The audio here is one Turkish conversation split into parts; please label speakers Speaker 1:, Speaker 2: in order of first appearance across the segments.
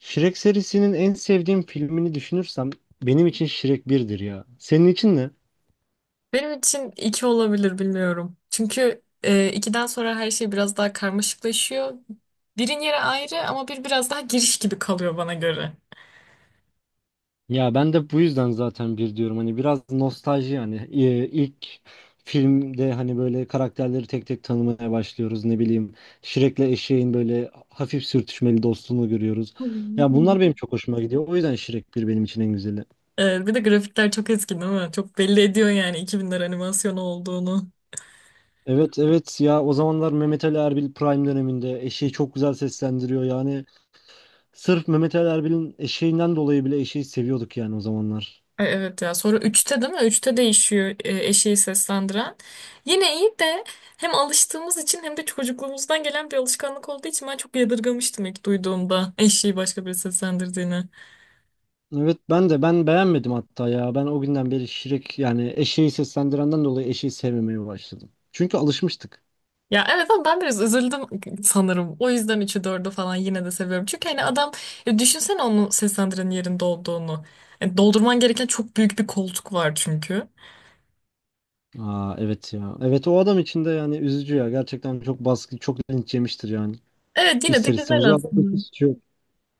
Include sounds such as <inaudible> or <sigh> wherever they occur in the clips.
Speaker 1: Shrek serisinin en sevdiğim filmini düşünürsem benim için Shrek birdir ya. Senin için ne?
Speaker 2: Benim için iki olabilir bilmiyorum. Çünkü ikiden sonra her şey biraz daha karmaşıklaşıyor. Birin yeri ayrı ama bir biraz daha giriş gibi kalıyor bana göre.
Speaker 1: Ya ben de bu yüzden zaten bir diyorum. Hani biraz nostalji yani ilk filmde hani böyle karakterleri tek tek tanımaya başlıyoruz. Ne bileyim Shrek'le eşeğin böyle hafif sürtüşmeli dostluğunu görüyoruz. Ya bunlar benim
Speaker 2: <laughs>
Speaker 1: çok hoşuma gidiyor. O yüzden Shrek bir benim için en güzeli.
Speaker 2: Bir de grafikler çok eski değil mi? Çok belli ediyor yani 2000'ler animasyonu olduğunu.
Speaker 1: Evet evet, ya o zamanlar Mehmet Ali Erbil Prime döneminde eşeği çok güzel seslendiriyor yani. Sırf Mehmet Ali Erbil'in eşeğinden dolayı bile eşeği seviyorduk yani o zamanlar.
Speaker 2: Evet ya sonra üçte değil mi? Üçte değişiyor, eşeği seslendiren. Yine iyi de hem alıştığımız için hem de çocukluğumuzdan gelen bir alışkanlık olduğu için ben çok yadırgamıştım ilk duyduğumda eşeği başka biri seslendirdiğini.
Speaker 1: Evet, ben de beğenmedim hatta ya. Ben o günden beri Şirek, yani eşeği seslendirenden dolayı eşeği sevmemeye başladım. Çünkü alışmıştık.
Speaker 2: Ya evet ama ben biraz üzüldüm sanırım. O yüzden üçü dördü falan yine de seviyorum. Çünkü hani adam, düşünsene onu seslendirenin yerinde olduğunu. Doldurman gereken çok büyük bir koltuk var çünkü.
Speaker 1: Aa, evet ya. Evet, o adam için de yani üzücü ya. Gerçekten çok baskı, çok linç yemiştir yani.
Speaker 2: Evet yine de
Speaker 1: İster istemez.
Speaker 2: güzel
Speaker 1: Ve adamın hiç
Speaker 2: aslında.
Speaker 1: suçu yok.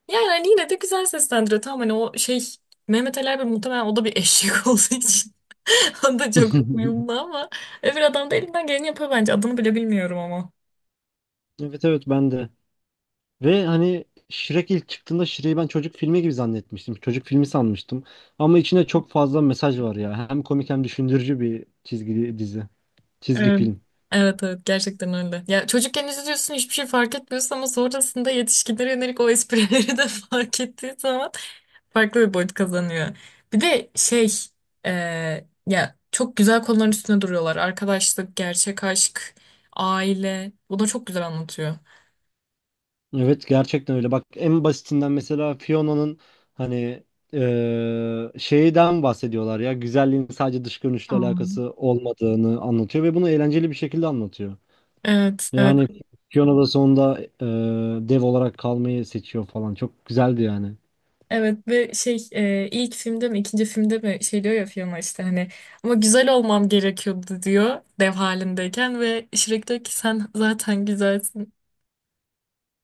Speaker 2: Yani hani yine de güzel seslendiriyor. Tamam hani o şey, Mehmet Ali Erbil muhtemelen o da bir eşek <laughs> olduğu için. O da çok uyumlu
Speaker 1: <laughs>
Speaker 2: ama öbür adam da elinden geleni yapıyor bence. Adını bile bilmiyorum ama.
Speaker 1: Evet evet, ben de. Ve hani Shrek ilk çıktığında Shrek'i ben çocuk filmi gibi zannetmiştim. Çocuk filmi sanmıştım. Ama içinde çok fazla mesaj var ya. Hem komik hem düşündürücü bir çizgi dizi. Çizgi
Speaker 2: Evet.
Speaker 1: film.
Speaker 2: Evet evet gerçekten öyle. Ya çocukken izliyorsun hiçbir şey fark etmiyorsun ama sonrasında yetişkinlere yönelik o esprileri de <laughs> fark ettiği zaman farklı bir boyut kazanıyor. Bir de şey, e, ya çok güzel konuların üstüne duruyorlar. Arkadaşlık, gerçek aşk, aile. Bunu çok güzel anlatıyor.
Speaker 1: Evet gerçekten öyle. Bak en basitinden mesela Fiona'nın hani şeyden bahsediyorlar ya. Güzelliğin sadece dış görünüşle
Speaker 2: Hmm.
Speaker 1: alakası olmadığını anlatıyor ve bunu eğlenceli bir şekilde anlatıyor.
Speaker 2: Evet, evet.
Speaker 1: Yani Fiona da sonunda dev olarak kalmayı seçiyor falan. Çok güzeldi yani.
Speaker 2: Evet ve şey, ilk filmde mi ikinci filmde mi şey diyor ya Fiona işte hani ama güzel olmam gerekiyordu diyor dev halindeyken ve Shrek diyor ki sen zaten güzelsin.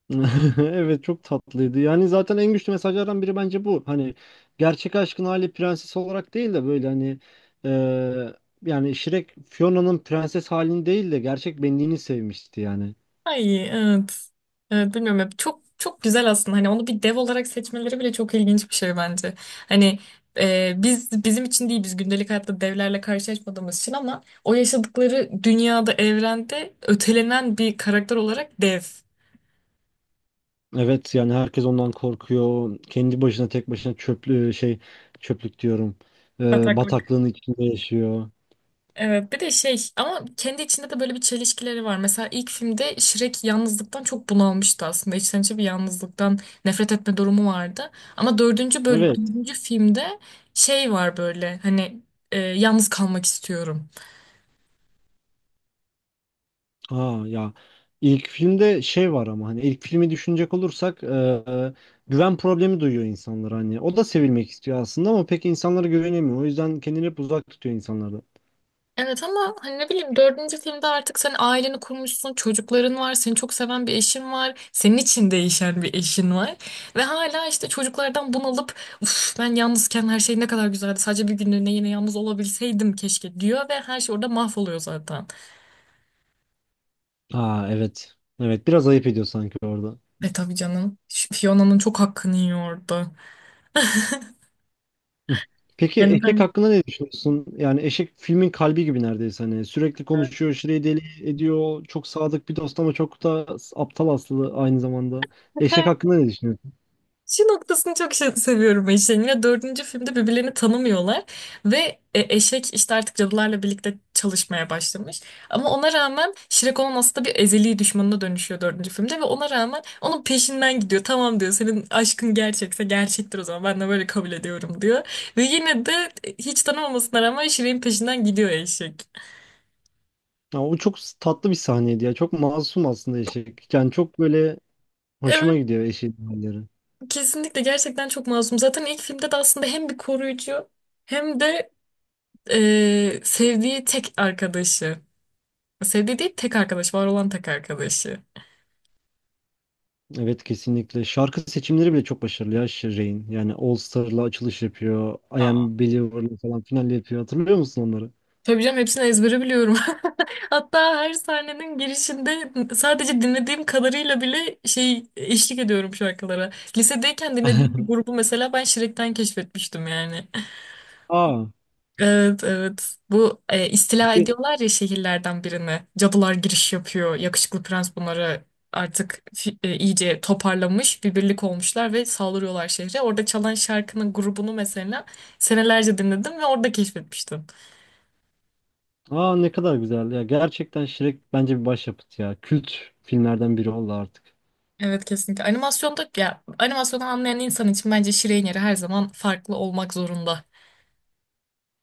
Speaker 1: <laughs> Evet çok tatlıydı. Yani zaten en güçlü mesajlardan biri bence bu. Hani gerçek aşkın hali prenses olarak değil de böyle hani eee, yani Shrek Fiona'nın prenses halini değil de gerçek benliğini sevmişti yani.
Speaker 2: Ay evet. Evet bilmiyorum hep çok çok güzel aslında hani onu bir dev olarak seçmeleri bile çok ilginç bir şey bence. Hani bizim için değil biz gündelik hayatta devlerle karşılaşmadığımız için ama o yaşadıkları dünyada evrende ötelenen bir karakter olarak dev.
Speaker 1: Evet yani herkes ondan korkuyor. Kendi başına tek başına çöplük diyorum. Bataklığın içinde yaşıyor.
Speaker 2: Evet, bir de şey ama kendi içinde de böyle bir çelişkileri var. Mesela ilk filmde Shrek yalnızlıktan çok bunalmıştı aslında. İçten içe bir yalnızlıktan nefret etme durumu vardı. Ama
Speaker 1: Evet.
Speaker 2: dördüncü filmde şey var böyle hani yalnız kalmak istiyorum.
Speaker 1: Ha ya, ilk filmde şey var ama hani ilk filmi düşünecek olursak e, güven problemi duyuyor insanlar hani. O da sevilmek istiyor aslında ama pek insanlara güvenemiyor. O yüzden kendini hep uzak tutuyor insanlardan.
Speaker 2: Evet ama hani ne bileyim dördüncü filmde artık sen aileni kurmuşsun, çocukların var, seni çok seven bir eşin var, senin için değişen bir eşin var. Ve hala işte çocuklardan bunalıp uf, ben yalnızken her şey ne kadar güzeldi, sadece bir günlüğüne yine yalnız olabilseydim keşke diyor ve her şey orada mahvoluyor zaten.
Speaker 1: Aa evet. Evet biraz ayıp ediyor sanki orada.
Speaker 2: E tabii canım, şu Fiona'nın çok hakkını yiyor orada.
Speaker 1: Hı. Peki
Speaker 2: Yani
Speaker 1: Eşek
Speaker 2: ben...
Speaker 1: hakkında ne düşünüyorsun? Yani Eşek filmin kalbi gibi neredeyse, hani sürekli konuşuyor, şireyi deli ediyor. Çok sadık bir dost ama çok da aptal aslında aynı zamanda. Eşek
Speaker 2: <laughs>
Speaker 1: hakkında ne düşünüyorsun?
Speaker 2: Şu noktasını seviyorum ben işin, dördüncü filmde birbirlerini tanımıyorlar ve eşek işte artık cadılarla birlikte çalışmaya başlamış. Ama ona rağmen Shrek onun aslında bir ezeli düşmanına dönüşüyor dördüncü filmde ve ona rağmen onun peşinden gidiyor. Tamam diyor, senin aşkın gerçekse gerçektir, o zaman ben de böyle kabul ediyorum diyor. Ve yine de hiç tanımamasına rağmen Shrek'in peşinden gidiyor eşek.
Speaker 1: Ya o çok tatlı bir sahneydi ya. Çok masum aslında eşek. Yani çok böyle
Speaker 2: Evet
Speaker 1: hoşuma gidiyor eşeğin halleri.
Speaker 2: kesinlikle gerçekten çok masum. Zaten ilk filmde de aslında hem bir koruyucu hem de sevdiği tek arkadaşı. Sevdiği değil tek arkadaş. Var olan tek arkadaşı.
Speaker 1: Evet kesinlikle. Şarkı seçimleri bile çok başarılı ya Shireen. Yani All Star'la açılış yapıyor. I Am Believer'la falan final yapıyor. Hatırlıyor musun onları?
Speaker 2: Tabii canım hepsini ezbere biliyorum. <laughs> Hatta her sahnenin girişinde sadece dinlediğim kadarıyla bile şey eşlik ediyorum şarkılara. Lisedeyken dinlediğim bir
Speaker 1: <laughs>
Speaker 2: grubu mesela ben Shrek'ten keşfetmiştim yani.
Speaker 1: Aa,
Speaker 2: Evet evet. Bu istila
Speaker 1: e-
Speaker 2: ediyorlar ya şehirlerden birini. Cadılar giriş yapıyor. Yakışıklı prens bunları artık iyice toparlamış. Bir birlik olmuşlar ve saldırıyorlar şehre. Orada çalan şarkının grubunu mesela senelerce dinledim ve orada keşfetmiştim.
Speaker 1: aa, ne kadar güzel ya. Gerçekten Shrek bence bir başyapıt ya. Kült filmlerden biri oldu artık.
Speaker 2: Evet kesinlikle. Animasyonda, ya animasyonu anlayan insan için bence Şirin yeri her zaman farklı olmak zorunda.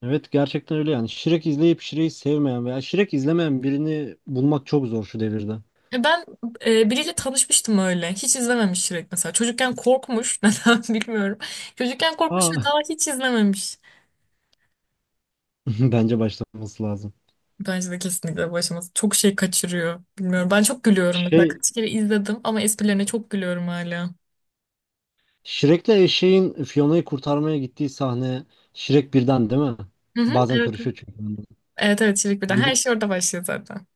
Speaker 1: Evet gerçekten öyle yani. Shrek izleyip Shrek'i sevmeyen veya Shrek izlemeyen birini bulmak çok zor şu devirde.
Speaker 2: Ben biriyle tanışmıştım öyle. Hiç izlememiş Shrek mesela. Çocukken korkmuş. <laughs> Neden bilmiyorum. Çocukken korkmuş ve
Speaker 1: Aa.
Speaker 2: daha hiç izlememiş.
Speaker 1: <laughs> Bence başlaması lazım.
Speaker 2: Bence de kesinlikle bu aşaması. Çok şey kaçırıyor. Bilmiyorum. Ben çok gülüyorum mesela.
Speaker 1: Şey,
Speaker 2: Kaç kere izledim ama esprilerine çok gülüyorum hala.
Speaker 1: Shrek'le eşeğin Fiona'yı kurtarmaya gittiği sahne Shrek birden değil mi?
Speaker 2: Hı hı,
Speaker 1: Bazen
Speaker 2: evet. Evet
Speaker 1: karışıyor çünkü bende.
Speaker 2: evet evet, Çelik Birden. Her
Speaker 1: Gidip
Speaker 2: şey orada başlıyor zaten.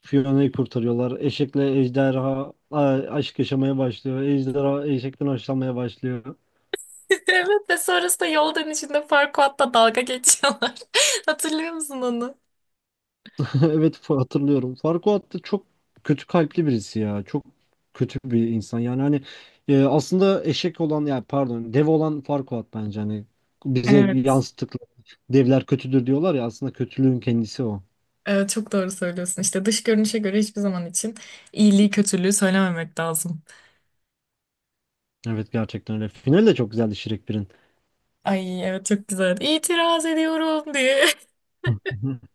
Speaker 1: Fiona'yı kurtarıyorlar. Eşekle ejderha aşk yaşamaya başlıyor. Ejderha eşekten hoşlanmaya başlıyor.
Speaker 2: <laughs> Evet ve sonrasında yol dönüşünde Farquaad'la dalga geçiyorlar. <laughs> Hatırlıyor musun onu?
Speaker 1: <laughs> Evet, hatırlıyorum. Farquaad da çok kötü kalpli birisi ya. Çok kötü bir insan. Yani hani aslında eşek olan, yani pardon dev olan Farquaad, bence hani bize
Speaker 2: Evet.
Speaker 1: yansıttıkları devler kötüdür diyorlar ya, aslında kötülüğün kendisi o.
Speaker 2: Evet çok doğru söylüyorsun. İşte dış görünüşe göre hiçbir zaman için iyiliği kötülüğü söylememek lazım.
Speaker 1: Evet gerçekten öyle. Final de çok güzeldi Shrek birin.
Speaker 2: Ay evet çok güzel. İtiraz ediyorum diye. <laughs>
Speaker 1: <laughs>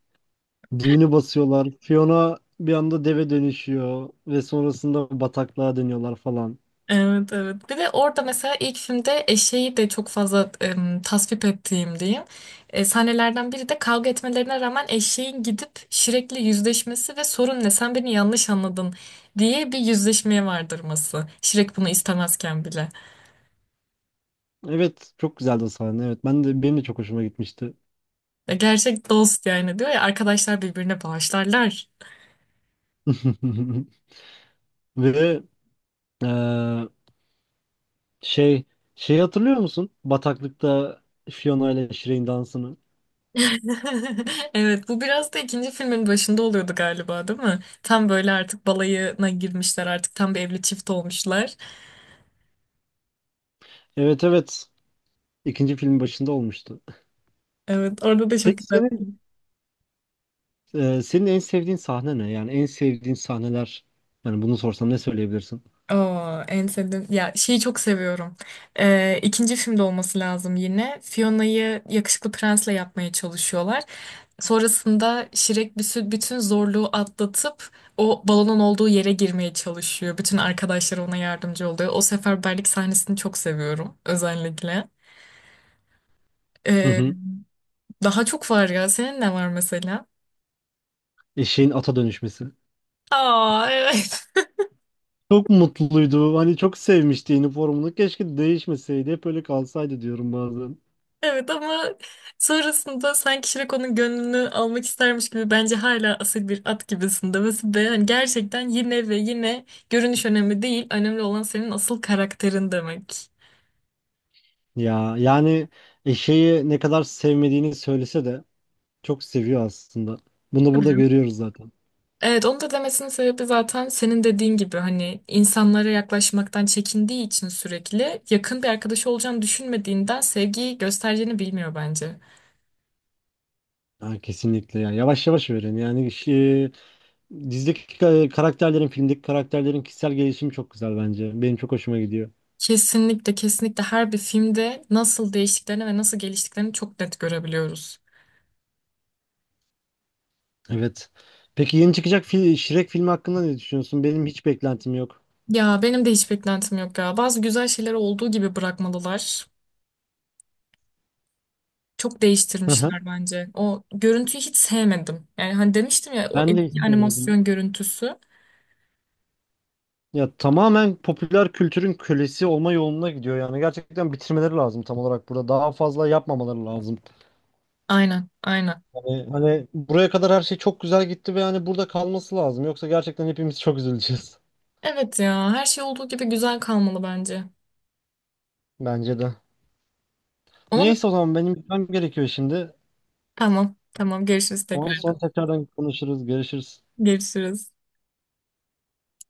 Speaker 1: Düğünü basıyorlar. Fiona bir anda deve dönüşüyor ve sonrasında bataklığa dönüyorlar falan.
Speaker 2: Evet evet. Bir de orada mesela ilk filmde eşeği de çok fazla tasvip ettiğim diyeyim. Sahnelerden biri de kavga etmelerine rağmen eşeğin gidip Shrek'le yüzleşmesi ve sorun ne, sen beni yanlış anladın diye bir yüzleşmeye vardırması. Shrek bunu istemezken bile.
Speaker 1: Evet çok güzeldi o sahne. Evet benim de çok hoşuma gitmişti.
Speaker 2: Ve gerçek dost yani diyor ya, arkadaşlar birbirine bağışlarlar.
Speaker 1: <laughs> Ve eee, şey şey hatırlıyor musun? Bataklıkta Fiona ile Shrek'in dansını.
Speaker 2: <laughs> Evet bu biraz da ikinci filmin başında oluyordu galiba değil mi? Tam böyle artık balayına girmişler, artık tam bir evli çift olmuşlar.
Speaker 1: Evet evet. İkinci filmin başında olmuştu.
Speaker 2: Evet orada da çok
Speaker 1: Peki
Speaker 2: güzel.
Speaker 1: senin senin en sevdiğin sahne ne? Yani en sevdiğin sahneler. Yani bunu sorsam ne söyleyebilirsin?
Speaker 2: Oo, en sevdiğim, ya şeyi çok seviyorum. İkinci filmde olması lazım yine. Fiona'yı yakışıklı prensle yapmaya çalışıyorlar. Sonrasında Şirek bütün zorluğu atlatıp o balonun olduğu yere girmeye çalışıyor. Bütün arkadaşları ona yardımcı oluyor. O seferberlik sahnesini çok seviyorum özellikle. Ee,
Speaker 1: <laughs>
Speaker 2: Daha çok var ya. Senin ne var mesela?
Speaker 1: Eşeğin ata dönüşmesi.
Speaker 2: Aa, evet.
Speaker 1: Çok mutluydu. Hani çok sevmişti üniformunu. Keşke değişmeseydi. Hep öyle kalsaydı diyorum bazen.
Speaker 2: Evet ama sonrasında sanki Shrek onun gönlünü almak istermiş gibi, bence hala asil bir at gibisin demesi ve hani gerçekten yine ve yine görünüş önemli değil. Önemli olan senin asıl karakterin demek.
Speaker 1: Ya yani eşeği ne kadar sevmediğini söylese de çok seviyor aslında. Bunu
Speaker 2: Tabii
Speaker 1: burada
Speaker 2: canım.
Speaker 1: görüyoruz zaten.
Speaker 2: Evet onu da demesinin sebebi zaten senin dediğin gibi hani insanlara yaklaşmaktan çekindiği için sürekli yakın bir arkadaşı olacağını düşünmediğinden sevgiyi göstereceğini bilmiyor bence.
Speaker 1: Ha, kesinlikle ya. Yavaş yavaş öğren. Yani şey, dizideki karakterlerin, filmdeki karakterlerin kişisel gelişimi çok güzel bence. Benim çok hoşuma gidiyor.
Speaker 2: Kesinlikle, kesinlikle her bir filmde nasıl değiştiklerini ve nasıl geliştiklerini çok net görebiliyoruz.
Speaker 1: Evet. Peki yeni çıkacak Shrek filmi hakkında ne düşünüyorsun? Benim hiç beklentim yok.
Speaker 2: Ya benim de hiç beklentim yok ya. Bazı güzel şeyleri olduğu gibi bırakmalılar. Çok
Speaker 1: Hı hı.
Speaker 2: değiştirmişler bence. O görüntüyü hiç sevmedim. Yani hani demiştim ya, o
Speaker 1: Ben de hiç
Speaker 2: eski
Speaker 1: sevmedim.
Speaker 2: animasyon görüntüsü.
Speaker 1: Ya tamamen popüler kültürün kölesi olma yoluna gidiyor, yani gerçekten bitirmeleri lazım, tam olarak burada daha fazla yapmamaları lazım.
Speaker 2: Aynen, aynen.
Speaker 1: Hani, buraya kadar her şey çok güzel gitti ve hani burada kalması lazım, yoksa gerçekten hepimiz çok üzüleceğiz.
Speaker 2: Evet ya her şey olduğu gibi güzel kalmalı bence.
Speaker 1: <laughs> Bence de.
Speaker 2: Onun
Speaker 1: Neyse o zaman benim gitmem gerekiyor şimdi.
Speaker 2: tamam, tamam görüşürüz
Speaker 1: Tamam,
Speaker 2: tekrar.
Speaker 1: sonra tekrardan konuşuruz, görüşürüz.
Speaker 2: Görüşürüz.